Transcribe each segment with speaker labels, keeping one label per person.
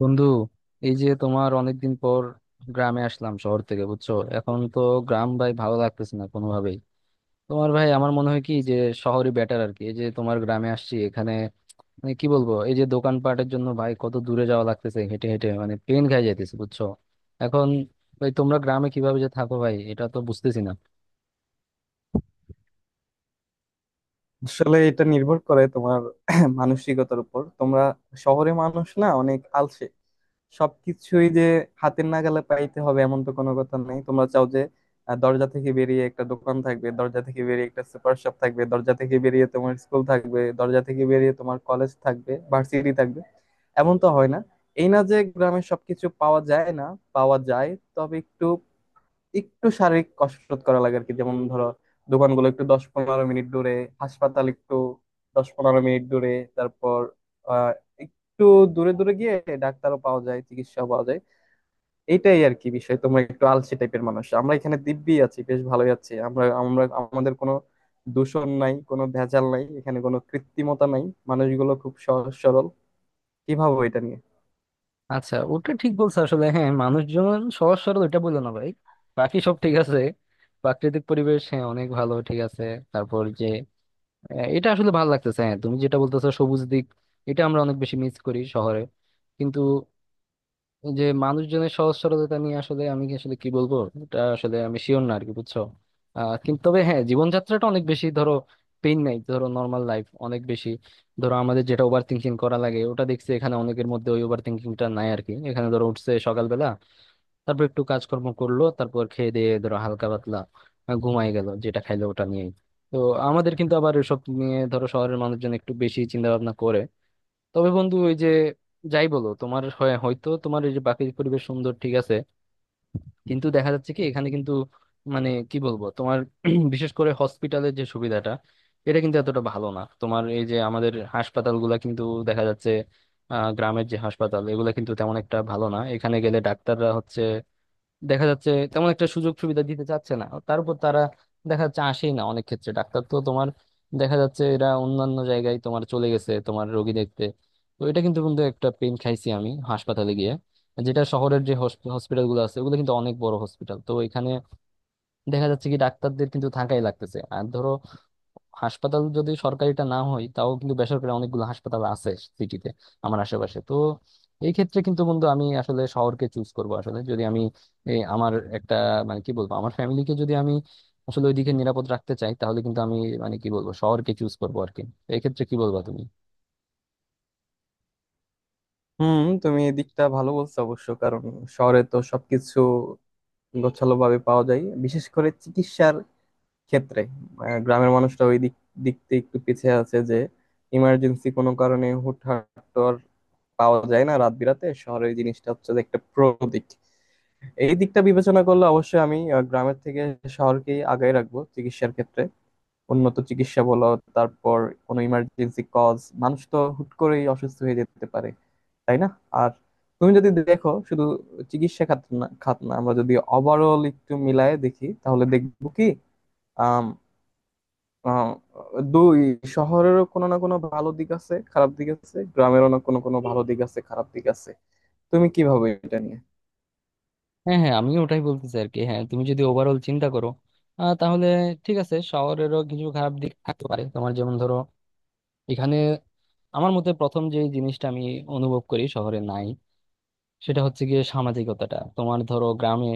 Speaker 1: বন্ধু, এই যে তোমার অনেকদিন পর গ্রামে আসলাম শহর থেকে, বুঝছো? এখন তো গ্রাম, ভাই, ভালো লাগতেছে না কোনোভাবেই। তোমার ভাই আমার মনে হয় কি যে শহরই বেটার আর কি। এই যে তোমার গ্রামে আসছি এখানে, মানে কি বলবো, এই যে দোকানপাটের জন্য ভাই কত দূরে যাওয়া লাগতেছে, হেঁটে হেঁটে মানে পেন খাই যাইতেছে, বুঝছো? এখন ভাই তোমরা গ্রামে কিভাবে যে থাকো ভাই, এটা তো বুঝতেছি না।
Speaker 2: আসলে এটা নির্ভর করে তোমার মানসিকতার উপর। তোমরা শহরে মানুষ না, অনেক আলসে। সবকিছুই যে হাতের নাগালে পাইতে হবে এমন তো কোনো কথা নেই। তোমরা চাও যে দরজা থেকে বেরিয়ে একটা দোকান থাকবে, দরজা থেকে বেরিয়ে একটা সুপার শপ থাকবে, দরজা থেকে বেরিয়ে তোমার স্কুল থাকবে, দরজা থেকে বেরিয়ে তোমার কলেজ থাকবে, ভার্সিটি থাকবে। এমন তো হয় না। এই না যে গ্রামে সবকিছু পাওয়া যায় না, পাওয়া যায়। তবে একটু একটু শারীরিক কসরত করা লাগে আর কি। যেমন ধরো, দোকানগুলো একটু 10-15 মিনিট দূরে, হাসপাতাল একটু 10-15 মিনিট দূরে। তারপর আহ একটু দূরে দূরে গিয়ে ডাক্তারও পাওয়া যায়, চিকিৎসাও পাওয়া যায়। এইটাই আর কি বিষয়, তোমরা একটু আলসে টাইপের মানুষ। আমরা এখানে দিব্যি আছি, বেশ ভালোই আছি। আমরা আমরা আমাদের কোনো দূষণ নাই, কোনো ভেজাল নাই, এখানে কোনো কৃত্রিমতা নাই। মানুষগুলো খুব সহজ সরল। কি ভাবো এটা নিয়ে?
Speaker 1: আচ্ছা, ওটা ঠিক বলছো আসলে। হ্যাঁ, মানুষজন সহজ সরল, এটা বললো না ভাই। বাকি সব ঠিক আছে, প্রাকৃতিক পরিবেশ, হ্যাঁ, অনেক ভালো, ঠিক আছে। তারপর যে হ্যাঁ, এটা আসলে ভালো লাগতেছে। হ্যাঁ, তুমি যেটা বলতেছো সবুজ দিক, এটা আমরা অনেক বেশি মিস করি শহরে। কিন্তু এই যে মানুষজনের সহজ সরলতা নিয়ে আসলে আমি কি আসলে কি বলবো, এটা আসলে আমি শিওর না আরকি, বুঝছো? কিন্তু তবে হ্যাঁ, জীবনযাত্রাটা অনেক বেশি, ধরো পেইন নাই, ধরো নর্মাল লাইফ অনেক বেশি। ধরো আমাদের যেটা ওভার থিঙ্কিং করা লাগে, ওটা দেখছি এখানে অনেকের মধ্যে ওই ওভার থিঙ্কিংটা নাই আরকি। এখানে ধরো উঠছে সকালবেলা, তারপর একটু কাজকর্ম করলো, তারপর খেয়ে দিয়ে ধরো হালকা পাতলা ঘুমায় গেল, যেটা খাইলো ওটা নিয়েই। তো আমাদের কিন্তু আবার এসব নিয়ে, ধরো, শহরের মানুষজন একটু বেশি চিন্তা ভাবনা করে। তবে বন্ধু, ওই যে যাই বলো, তোমার হয়তো তোমার এই যে বাকি পরিবেশ সুন্দর, ঠিক আছে, কিন্তু দেখা যাচ্ছে কি এখানে কিন্তু মানে কি বলবো তোমার বিশেষ করে হসপিটালের যে সুবিধাটা, এটা কিন্তু এতটা ভালো না। তোমার এই যে আমাদের হাসপাতালগুলা কিন্তু দেখা যাচ্ছে, গ্রামের যে হাসপাতাল, এগুলো কিন্তু তেমন একটা ভালো না। এখানে গেলে ডাক্তাররা হচ্ছে, দেখা যাচ্ছে, তেমন একটা সুযোগ সুবিধা দিতে চাচ্ছে না। তার উপর তারা দেখা যাচ্ছে আসেই না অনেক ক্ষেত্রে। ডাক্তার তো তোমার দেখা যাচ্ছে এরা অন্যান্য জায়গায় তোমার চলে গেছে তোমার রোগী দেখতে। তো এটা কিন্তু কিন্তু একটা পেন খাইছি আমি হাসপাতালে গিয়ে। যেটা শহরের যে হসপিটাল গুলো আছে, ওগুলো কিন্তু অনেক বড় হসপিটাল, তো এখানে দেখা যাচ্ছে কি ডাক্তারদের কিন্তু থাকাই লাগতেছে। আর ধরো হাসপাতাল যদি সরকারিটা না হয়, তাও কিন্তু বেসরকারি অনেকগুলো হাসপাতাল আছে সিটিতে, আমার আশেপাশে তো। এই ক্ষেত্রে কিন্তু বন্ধু আমি আসলে শহরকে চুজ করব। আসলে যদি আমি, এই আমার একটা, মানে কি বলবো, আমার ফ্যামিলিকে যদি আমি আসলে ওইদিকে নিরাপদ রাখতে চাই, তাহলে কিন্তু আমি, মানে কি বলবো, শহরকে চুজ করবো আর কি। তো এই ক্ষেত্রে কি বলবা তুমি?
Speaker 2: হুম, তুমি এই দিকটা ভালো বলছো অবশ্য। কারণ শহরে তো সবকিছু গোছালোভাবে পাওয়া যায়, বিশেষ করে চিকিৎসার ক্ষেত্রে। গ্রামের মানুষরা ওই দিক দিক থেকে একটু পিছিয়ে আছে। যে ইমার্জেন্সি কোনো কারণে হুটহাট তো আর পাওয়া যায় না রাত বিরাতে। শহরে এই জিনিসটা হচ্ছে যে একটা প্রো দিক। এই দিকটা বিবেচনা করলে অবশ্যই আমি গ্রামের থেকে শহরকেই আগায় রাখবো চিকিৎসার ক্ষেত্রে। উন্নত চিকিৎসা বলো, তারপর কোনো ইমার্জেন্সি কজ, মানুষ তো হুট করেই অসুস্থ হয়ে যেতে পারে, তাই না? আর তুমি যদি দেখো, শুধু চিকিৎসা খাত না আমরা যদি ওভারঅল একটু মিলায় দেখি, তাহলে দেখবো কি আম, আম, দুই শহরেরও কোনো না কোনো ভালো দিক আছে, খারাপ দিক আছে; গ্রামেরও কোনো কোনো ভালো দিক আছে, খারাপ দিক আছে। তুমি কি ভাবো এটা নিয়ে?
Speaker 1: হ্যাঁ, হ্যাঁ, আমিও ওটাই বলতেছি আর কি। হ্যাঁ, তুমি যদি ওভারঅল চিন্তা করো, তাহলে ঠিক আছে, শহরেরও কিছু খারাপ দিক থাকতে পারে। তোমার যেমন ধরো এখানে, আমার মতে প্রথম যে জিনিসটা আমি অনুভব করি শহরে নাই, সেটা হচ্ছে গিয়ে সামাজিকতাটা। তোমার ধরো গ্রামে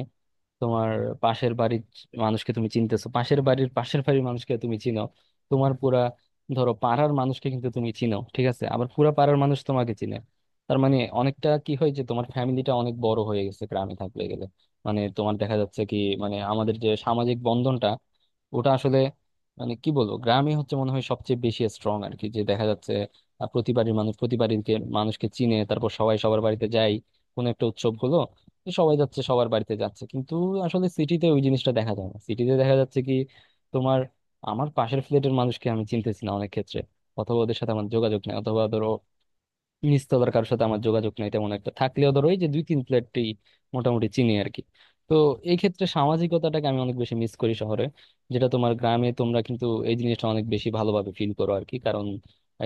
Speaker 1: তোমার পাশের বাড়ির মানুষকে তুমি চিনতেছো, পাশের বাড়ির মানুষকে তুমি চিনো, তোমার পুরা ধরো পাড়ার মানুষকে কিন্তু তুমি চিনো, ঠিক আছে? আবার পুরা পাড়ার মানুষ তোমাকে চিনে। তার মানে অনেকটা কি হয় যে তোমার ফ্যামিলিটা অনেক বড় হয়ে গেছে গ্রামে থাকলে গেলে। মানে তোমার দেখা যাচ্ছে কি, মানে আমাদের যে সামাজিক বন্ধনটা, ওটা আসলে, মানে কি বলবো, গ্রামে হচ্ছে মনে হয় সবচেয়ে বেশি স্ট্রং আর কি। যে দেখা যাচ্ছে প্রতি বাড়ির মানুষ প্রতি বাড়ির মানুষকে চিনে, তারপর সবাই সবার বাড়িতে যায়, কোনো একটা উৎসব হলো যে সবাই যাচ্ছে সবার বাড়িতে যাচ্ছে। কিন্তু আসলে সিটিতে ওই জিনিসটা দেখা যায় না। সিটিতে দেখা যাচ্ছে কি, তোমার আমার পাশের ফ্ল্যাটের মানুষকে আমি চিনতেছি না অনেক ক্ষেত্রে, অথবা ওদের সাথে আমার যোগাযোগ নেই, অথবা ধরো নিচতলার কারোর সাথে আমার যোগাযোগ নেই তেমন একটা। থাকলেও ধরো ওই যে দুই তিন ফ্ল্যাটই মোটামুটি চিনি আর কি। তো এই ক্ষেত্রে সামাজিকতাটাকে আমি অনেক বেশি মিস করি শহরে, যেটা তোমার গ্রামে তোমরা কিন্তু এই জিনিসটা অনেক বেশি ভালোভাবে ফিল করো আর কি। কারণ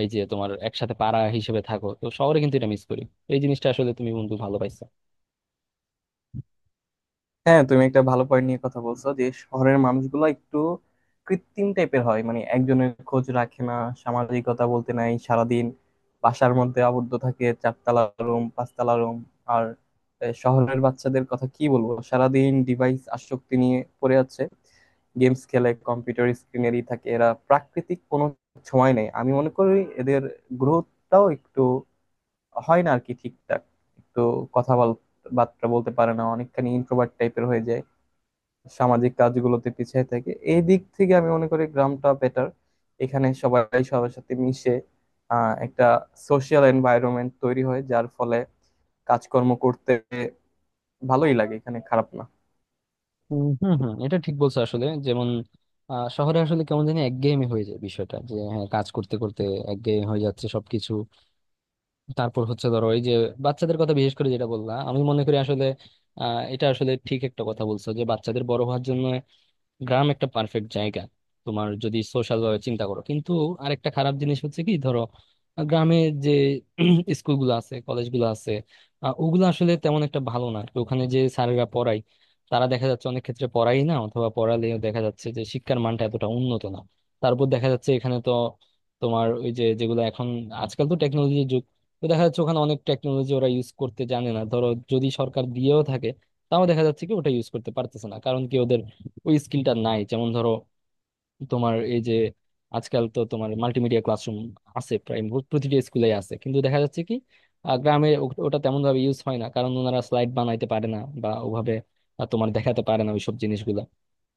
Speaker 1: এই যে তোমার একসাথে পাড়া হিসেবে থাকো, তো শহরে কিন্তু এটা মিস করি, এই জিনিসটা আসলে তুমি বন্ধু ভালো পাইছো।
Speaker 2: হ্যাঁ, তুমি একটা ভালো পয়েন্ট নিয়ে কথা বলছো যে শহরের মানুষগুলো একটু কৃত্রিম টাইপের হয়। মানে একজনের খোঁজ রাখে না, সামাজিকতা বলতে নাই। সারাদিন বাসার মধ্যে আবদ্ধ থাকে, চারতলা রুম, পাঁচতলা রুম। আর শহরের বাচ্চাদের কথা কি বলবো, সারাদিন ডিভাইস আসক্তি নিয়ে পড়ে আছে, গেমস খেলে, কম্পিউটার স্ক্রিনেরই থাকে। এরা প্রাকৃতিক কোনো সময় নেই। আমি মনে করি এদের গ্রোথটাও একটু হয় না আর কি ঠিকঠাক। একটু কথা বল- বার্তা বলতে পারে না, অনেকখানি ইন্ট্রোভার্ট টাইপের হয়ে যায়, সামাজিক কাজগুলোতে পিছিয়ে থাকে। এই দিক থেকে আমি মনে করি গ্রামটা বেটার। এখানে সবাই সবার সাথে মিশে, একটা সোশিয়াল এনভায়রনমেন্ট তৈরি হয়, যার ফলে কাজকর্ম করতে ভালোই লাগে। এখানে খারাপ না।
Speaker 1: উম, হুম, হম, এটা ঠিক বলছো আসলে। যেমন শহরে আসলে কেমন জানি একঘেয়েমি হয়ে যায় বিষয়টা, যে হ্যাঁ, কাজ করতে করতে একঘেয়েমি হয়ে যাচ্ছে সবকিছু। তারপর হচ্ছে ধরো এই যে বাচ্চাদের কথা বিশেষ করে যেটা বললা, আমি মনে করি আসলে এটা আসলে ঠিক একটা কথা বলছো যে বাচ্চাদের বড় হওয়ার জন্য গ্রাম একটা পারফেক্ট জায়গা, তোমার যদি সোশ্যাল ভাবে চিন্তা করো। কিন্তু আরেকটা খারাপ জিনিস হচ্ছে কি, ধরো গ্রামে যে স্কুলগুলো আছে, কলেজগুলো আছে, ওগুলো আসলে তেমন একটা ভালো না। তো ওখানে যে স্যারেরা পড়ায়, তারা দেখা যাচ্ছে অনেক ক্ষেত্রে পড়াই না, অথবা পড়ালেও দেখা যাচ্ছে যে শিক্ষার মানটা এতটা উন্নত না। তারপর দেখা যাচ্ছে এখানে তো তোমার ওই যে যেগুলো এখন, আজকাল তো টেকনোলজির যুগ, তো দেখা যাচ্ছে ওখানে অনেক টেকনোলজি ওরা ইউজ করতে জানে না। ধরো যদি সরকার দিয়েও থাকে তাও দেখা যাচ্ছে কি ওটা ইউজ করতে পারতেছে না। কারণ কি? ওই স্কিলটা নাই। যেমন ধরো তোমার এই যে আজকাল তো তোমার মাল্টিমিডিয়া ক্লাসরুম আছে প্রায় প্রতিটা স্কুলে আছে, কিন্তু দেখা যাচ্ছে কি গ্রামে ওটা তেমন ভাবে ইউজ হয় না, কারণ ওনারা স্লাইড বানাইতে পারে না বা ওভাবে তোমার দেখাতে পারে না ওইসব জিনিসগুলো।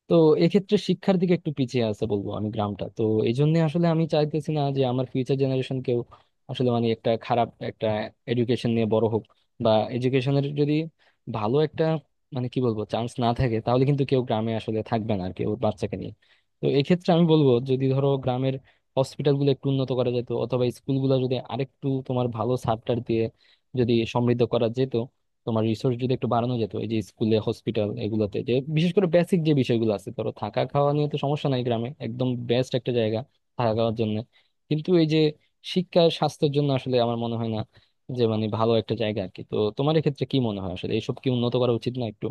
Speaker 1: তো এক্ষেত্রে শিক্ষার দিকে একটু পিছিয়ে আছে বলবো আমি গ্রামটা। তো এই জন্য আসলে আমি চাইতেছি না যে আমার ফিউচার জেনারেশন কেউ আসলে মানে একটা খারাপ একটা এডুকেশন নিয়ে বড় হোক, বা এডুকেশনের যদি ভালো একটা, মানে কি বলবো, চান্স না থাকে তাহলে কিন্তু কেউ গ্রামে আসলে থাকবে না আর কি ওর বাচ্চাকে নিয়ে। তো এক্ষেত্রে আমি বলবো যদি ধরো গ্রামের হসপিটাল গুলো একটু উন্নত করা যেত, অথবা স্কুলগুলো যদি আরেকটু তোমার ভালো সাপটার দিয়ে যদি সমৃদ্ধ করা যেত, তোমার রিসোর্স যদি একটু বাড়ানো যেত, এই যে স্কুলে হসপিটাল এগুলোতে যে বিশেষ করে বেসিক যে বিষয়গুলো আছে। ধরো থাকা খাওয়া নিয়ে তো সমস্যা নাই, গ্রামে একদম বেস্ট একটা জায়গা থাকা খাওয়ার জন্য। কিন্তু এই যে শিক্ষা স্বাস্থ্যের জন্য আসলে আমার মনে হয় না যে মানে ভালো একটা জায়গা আর কি। তো তোমার এক্ষেত্রে কি মনে হয় আসলে, এইসব কি উন্নত করা উচিত না একটু?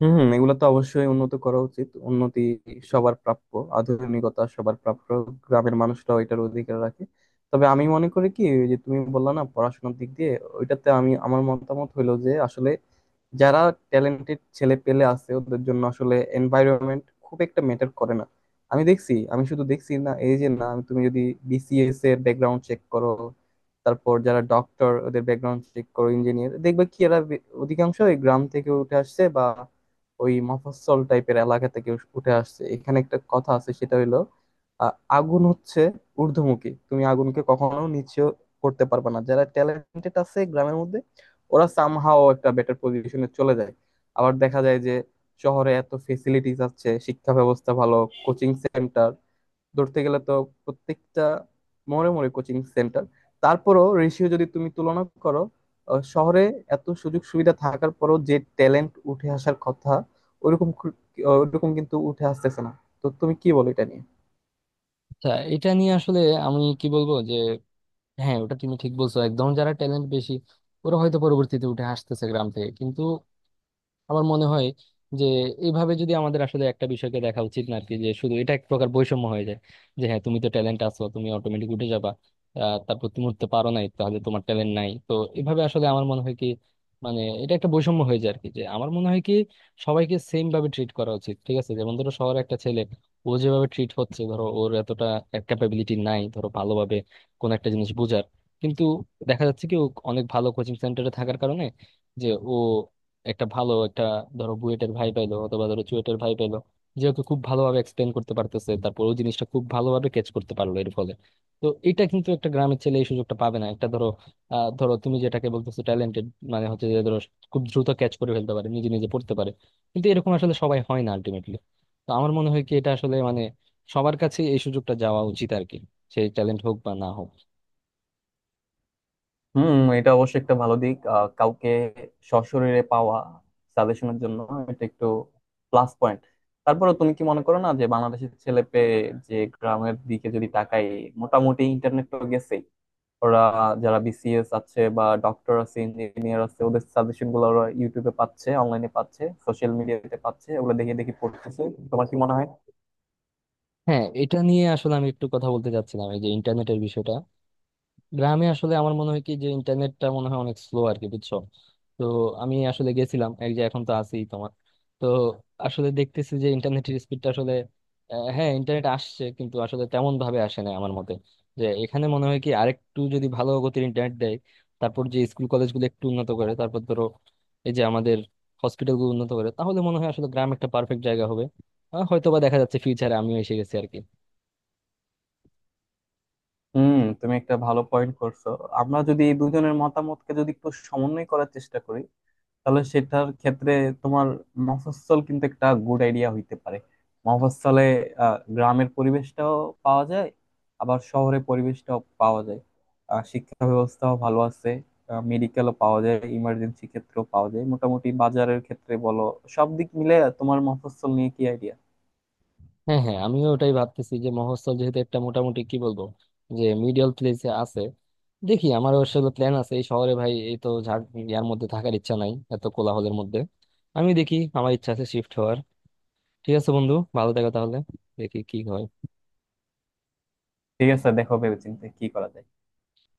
Speaker 2: হম, এগুলো তো অবশ্যই উন্নত করা উচিত। উন্নতি সবার প্রাপ্য, আধুনিকতা সবার প্রাপ্য, গ্রামের মানুষরাও এটার অধিকার রাখে। তবে আমি মনে করি কি, ওই যে তুমি বললা না পড়াশোনার দিক দিয়ে, ওইটাতে আমি, আমার মতামত হলো যে আসলে যারা ট্যালেন্টেড ছেলে পেলে আছে ওদের জন্য আসলে এনভায়রনমেন্ট খুব একটা ম্যাটার করে না। আমি দেখছি, আমি শুধু দেখছি না, এই যে না তুমি যদি বিসিএস এর ব্যাকগ্রাউন্ড চেক করো, তারপর যারা ডক্টর ওদের ব্যাকগ্রাউন্ড চেক করো, ইঞ্জিনিয়ার, দেখবে কি এরা অধিকাংশই গ্রাম থেকে উঠে আসছে, বা ওই মফস্বল টাইপের এলাকা থেকে উঠে আসছে। এখানে একটা কথা আছে, সেটা হইলো আ, আগুন হচ্ছে ঊর্ধ্বমুখী, তুমি আগুনকে কখনো নিচে করতে পারবে না। যারা ট্যালেন্টেড আছে গ্রামের মধ্যে, ওরা সামহাও একটা বেটার পজিশনে চলে যায়। আবার দেখা যায় যে শহরে এত ফেসিলিটিস আছে, শিক্ষা ব্যবস্থা ভালো, কোচিং সেন্টার ধরতে গেলে তো প্রত্যেকটা মোড়ে মোড়ে কোচিং সেন্টার। তারপরও রেশিও যদি তুমি তুলনা করো, শহরে এত সুযোগ সুবিধা থাকার পরও যে ট্যালেন্ট উঠে আসার কথা, ওইরকম খু- ওইরকম কিন্তু উঠে আসতেছে না। তো তুমি কি বলো এটা নিয়ে?
Speaker 1: আচ্ছা, এটা নিয়ে আসলে আমি কি বলবো যে, হ্যাঁ, ওটা তুমি ঠিক বলছো একদম, যারা ট্যালেন্ট বেশি ওরা হয়তো পরবর্তীতে উঠে আসতেছে গ্রাম থেকে। কিন্তু আমার মনে হয় যে এইভাবে যদি আমাদের আসলে একটা বিষয়কে দেখা উচিত না আর কি, যে শুধু এটা এক প্রকার বৈষম্য হয়ে যায় যে হ্যাঁ, তুমি তো ট্যালেন্ট আছো তুমি অটোমেটিক উঠে যাবা, তারপর তুমি উঠতে পারো নাই তাহলে তোমার ট্যালেন্ট নাই। তো এভাবে আসলে আমার মনে হয় কি, মানে এটা একটা বৈষম্য হয়ে যায় আর কি। যে আমার মনে হয় কি সবাইকে সেম ভাবে ট্রিট করা উচিত, ঠিক আছে? যেমন ধরো শহরে একটা ছেলে, ও যেভাবে ট্রিট হচ্ছে, ধরো ওর এতটা ক্যাপাবিলিটি নাই ধরো ভালোভাবে কোন একটা জিনিস বোঝার, কিন্তু দেখা যাচ্ছে কি ও অনেক ভালো কোচিং সেন্টারে থাকার কারণে যে ও একটা ভালো একটা, ধরো, বুয়েটের ভাই পাইলো অথবা ধরো চুয়েটের ভাই পাইলো, যে ওকে খুব ভালোভাবে এক্সপ্লেন করতে পারতেছে, তারপর ওই জিনিসটা খুব ভালোভাবে ক্যাচ করতে পারলো এর ফলে। তো এটা কিন্তু একটা গ্রামের ছেলে এই সুযোগটা পাবে না। একটা ধরো ধরো তুমি যেটাকে বলতেছো ট্যালেন্টেড, মানে হচ্ছে যে ধরো খুব দ্রুত ক্যাচ করে ফেলতে পারে, নিজে নিজে পড়তে পারে, কিন্তু এরকম আসলে সবাই হয় না আলটিমেটলি। তো আমার মনে হয় কি এটা আসলে মানে সবার কাছে এই সুযোগটা যাওয়া উচিত আর কি, সেই ট্যালেন্ট হোক বা না হোক।
Speaker 2: হুম, এটা অবশ্যই একটা ভালো দিক। কাউকে সশরীরে পাওয়া সাজেশনের জন্য, এটা একটু প্লাস পয়েন্ট। তারপরে তুমি কি মনে করো না যে বাংলাদেশের ছেলে পেয়ে, যে গ্রামের দিকে যদি তাকাই, মোটামুটি ইন্টারনেট তো গেছেই। ওরা যারা বিসিএস আছে, বা ডক্টর আছে, ইঞ্জিনিয়ার আছে, ওদের সাজেশন গুলো ওরা ইউটিউবে পাচ্ছে, অনলাইনে পাচ্ছে, সোশ্যাল মিডিয়াতে পাচ্ছে, ওগুলো দেখে দেখে পড়তেছে। তোমার কি মনে হয়?
Speaker 1: হ্যাঁ, এটা নিয়ে আসলে আমি একটু কথা বলতে চাচ্ছিলাম, এই যে ইন্টারনেটের বিষয়টা। গ্রামে আসলে আমার মনে হয় কি যে ইন্টারনেটটা মনে হয় অনেক স্লো আর কি, বুঝছো? তো আমি আসলে গেছিলাম এক যে, এখন তো আছি তোমার, তো আসলে দেখতেছি যে ইন্টারনেটের স্পিডটা আসলে, হ্যাঁ, ইন্টারনেট আসছে কিন্তু আসলে তেমন ভাবে আসে না আমার মতে। যে এখানে মনে হয় কি আরেকটু যদি ভালো গতির ইন্টারনেট দেয়, তারপর যে স্কুল কলেজগুলো একটু উন্নত করে, তারপর ধরো এই যে আমাদের হসপিটালগুলো উন্নত করে, তাহলে মনে হয় আসলে গ্রাম একটা পারফেক্ট জায়গা হবে। হয়তো বা দেখা যাচ্ছে ফিউচারে আমিও এসে গেছি আর কি।
Speaker 2: হুম, তুমি একটা ভালো পয়েন্ট করছো। আমরা যদি এই দুজনের মতামতকে যদি একটু সমন্বয় করার চেষ্টা করি, তাহলে সেটার ক্ষেত্রে তোমার মফস্বল কিন্তু একটা গুড আইডিয়া হইতে পারে। মফস্বলে গ্রামের পরিবেশটাও পাওয়া যায়, আবার শহরে পরিবেশটাও পাওয়া যায়। শিক্ষা ব্যবস্থাও ভালো আছে, মেডিকেলও পাওয়া যায়, ইমার্জেন্সি ক্ষেত্রেও পাওয়া যায়, মোটামুটি বাজারের ক্ষেত্রে বলো, সব দিক মিলে তোমার মফস্বল নিয়ে কি আইডিয়া?
Speaker 1: হ্যাঁ, হ্যাঁ, আমিও ওটাই ভাবতেছি যে মফস্বল যেহেতু একটা মোটামুটি, কি বলবো, যে মিডিয়াল প্লেসে আছে। দেখি, আমার আসলে প্ল্যান আছে, এই শহরে ভাই এই তো ঝাড় ইয়ার মধ্যে থাকার ইচ্ছা নাই, এত কোলাহলের মধ্যে। আমি দেখি আমার ইচ্ছা আছে শিফট হওয়ার। ঠিক আছে বন্ধু, ভালো থাকো তাহলে। দেখি কি হয়।
Speaker 2: ঠিক আছে, দেখো ভেবেচিন্তে কি করা যায়।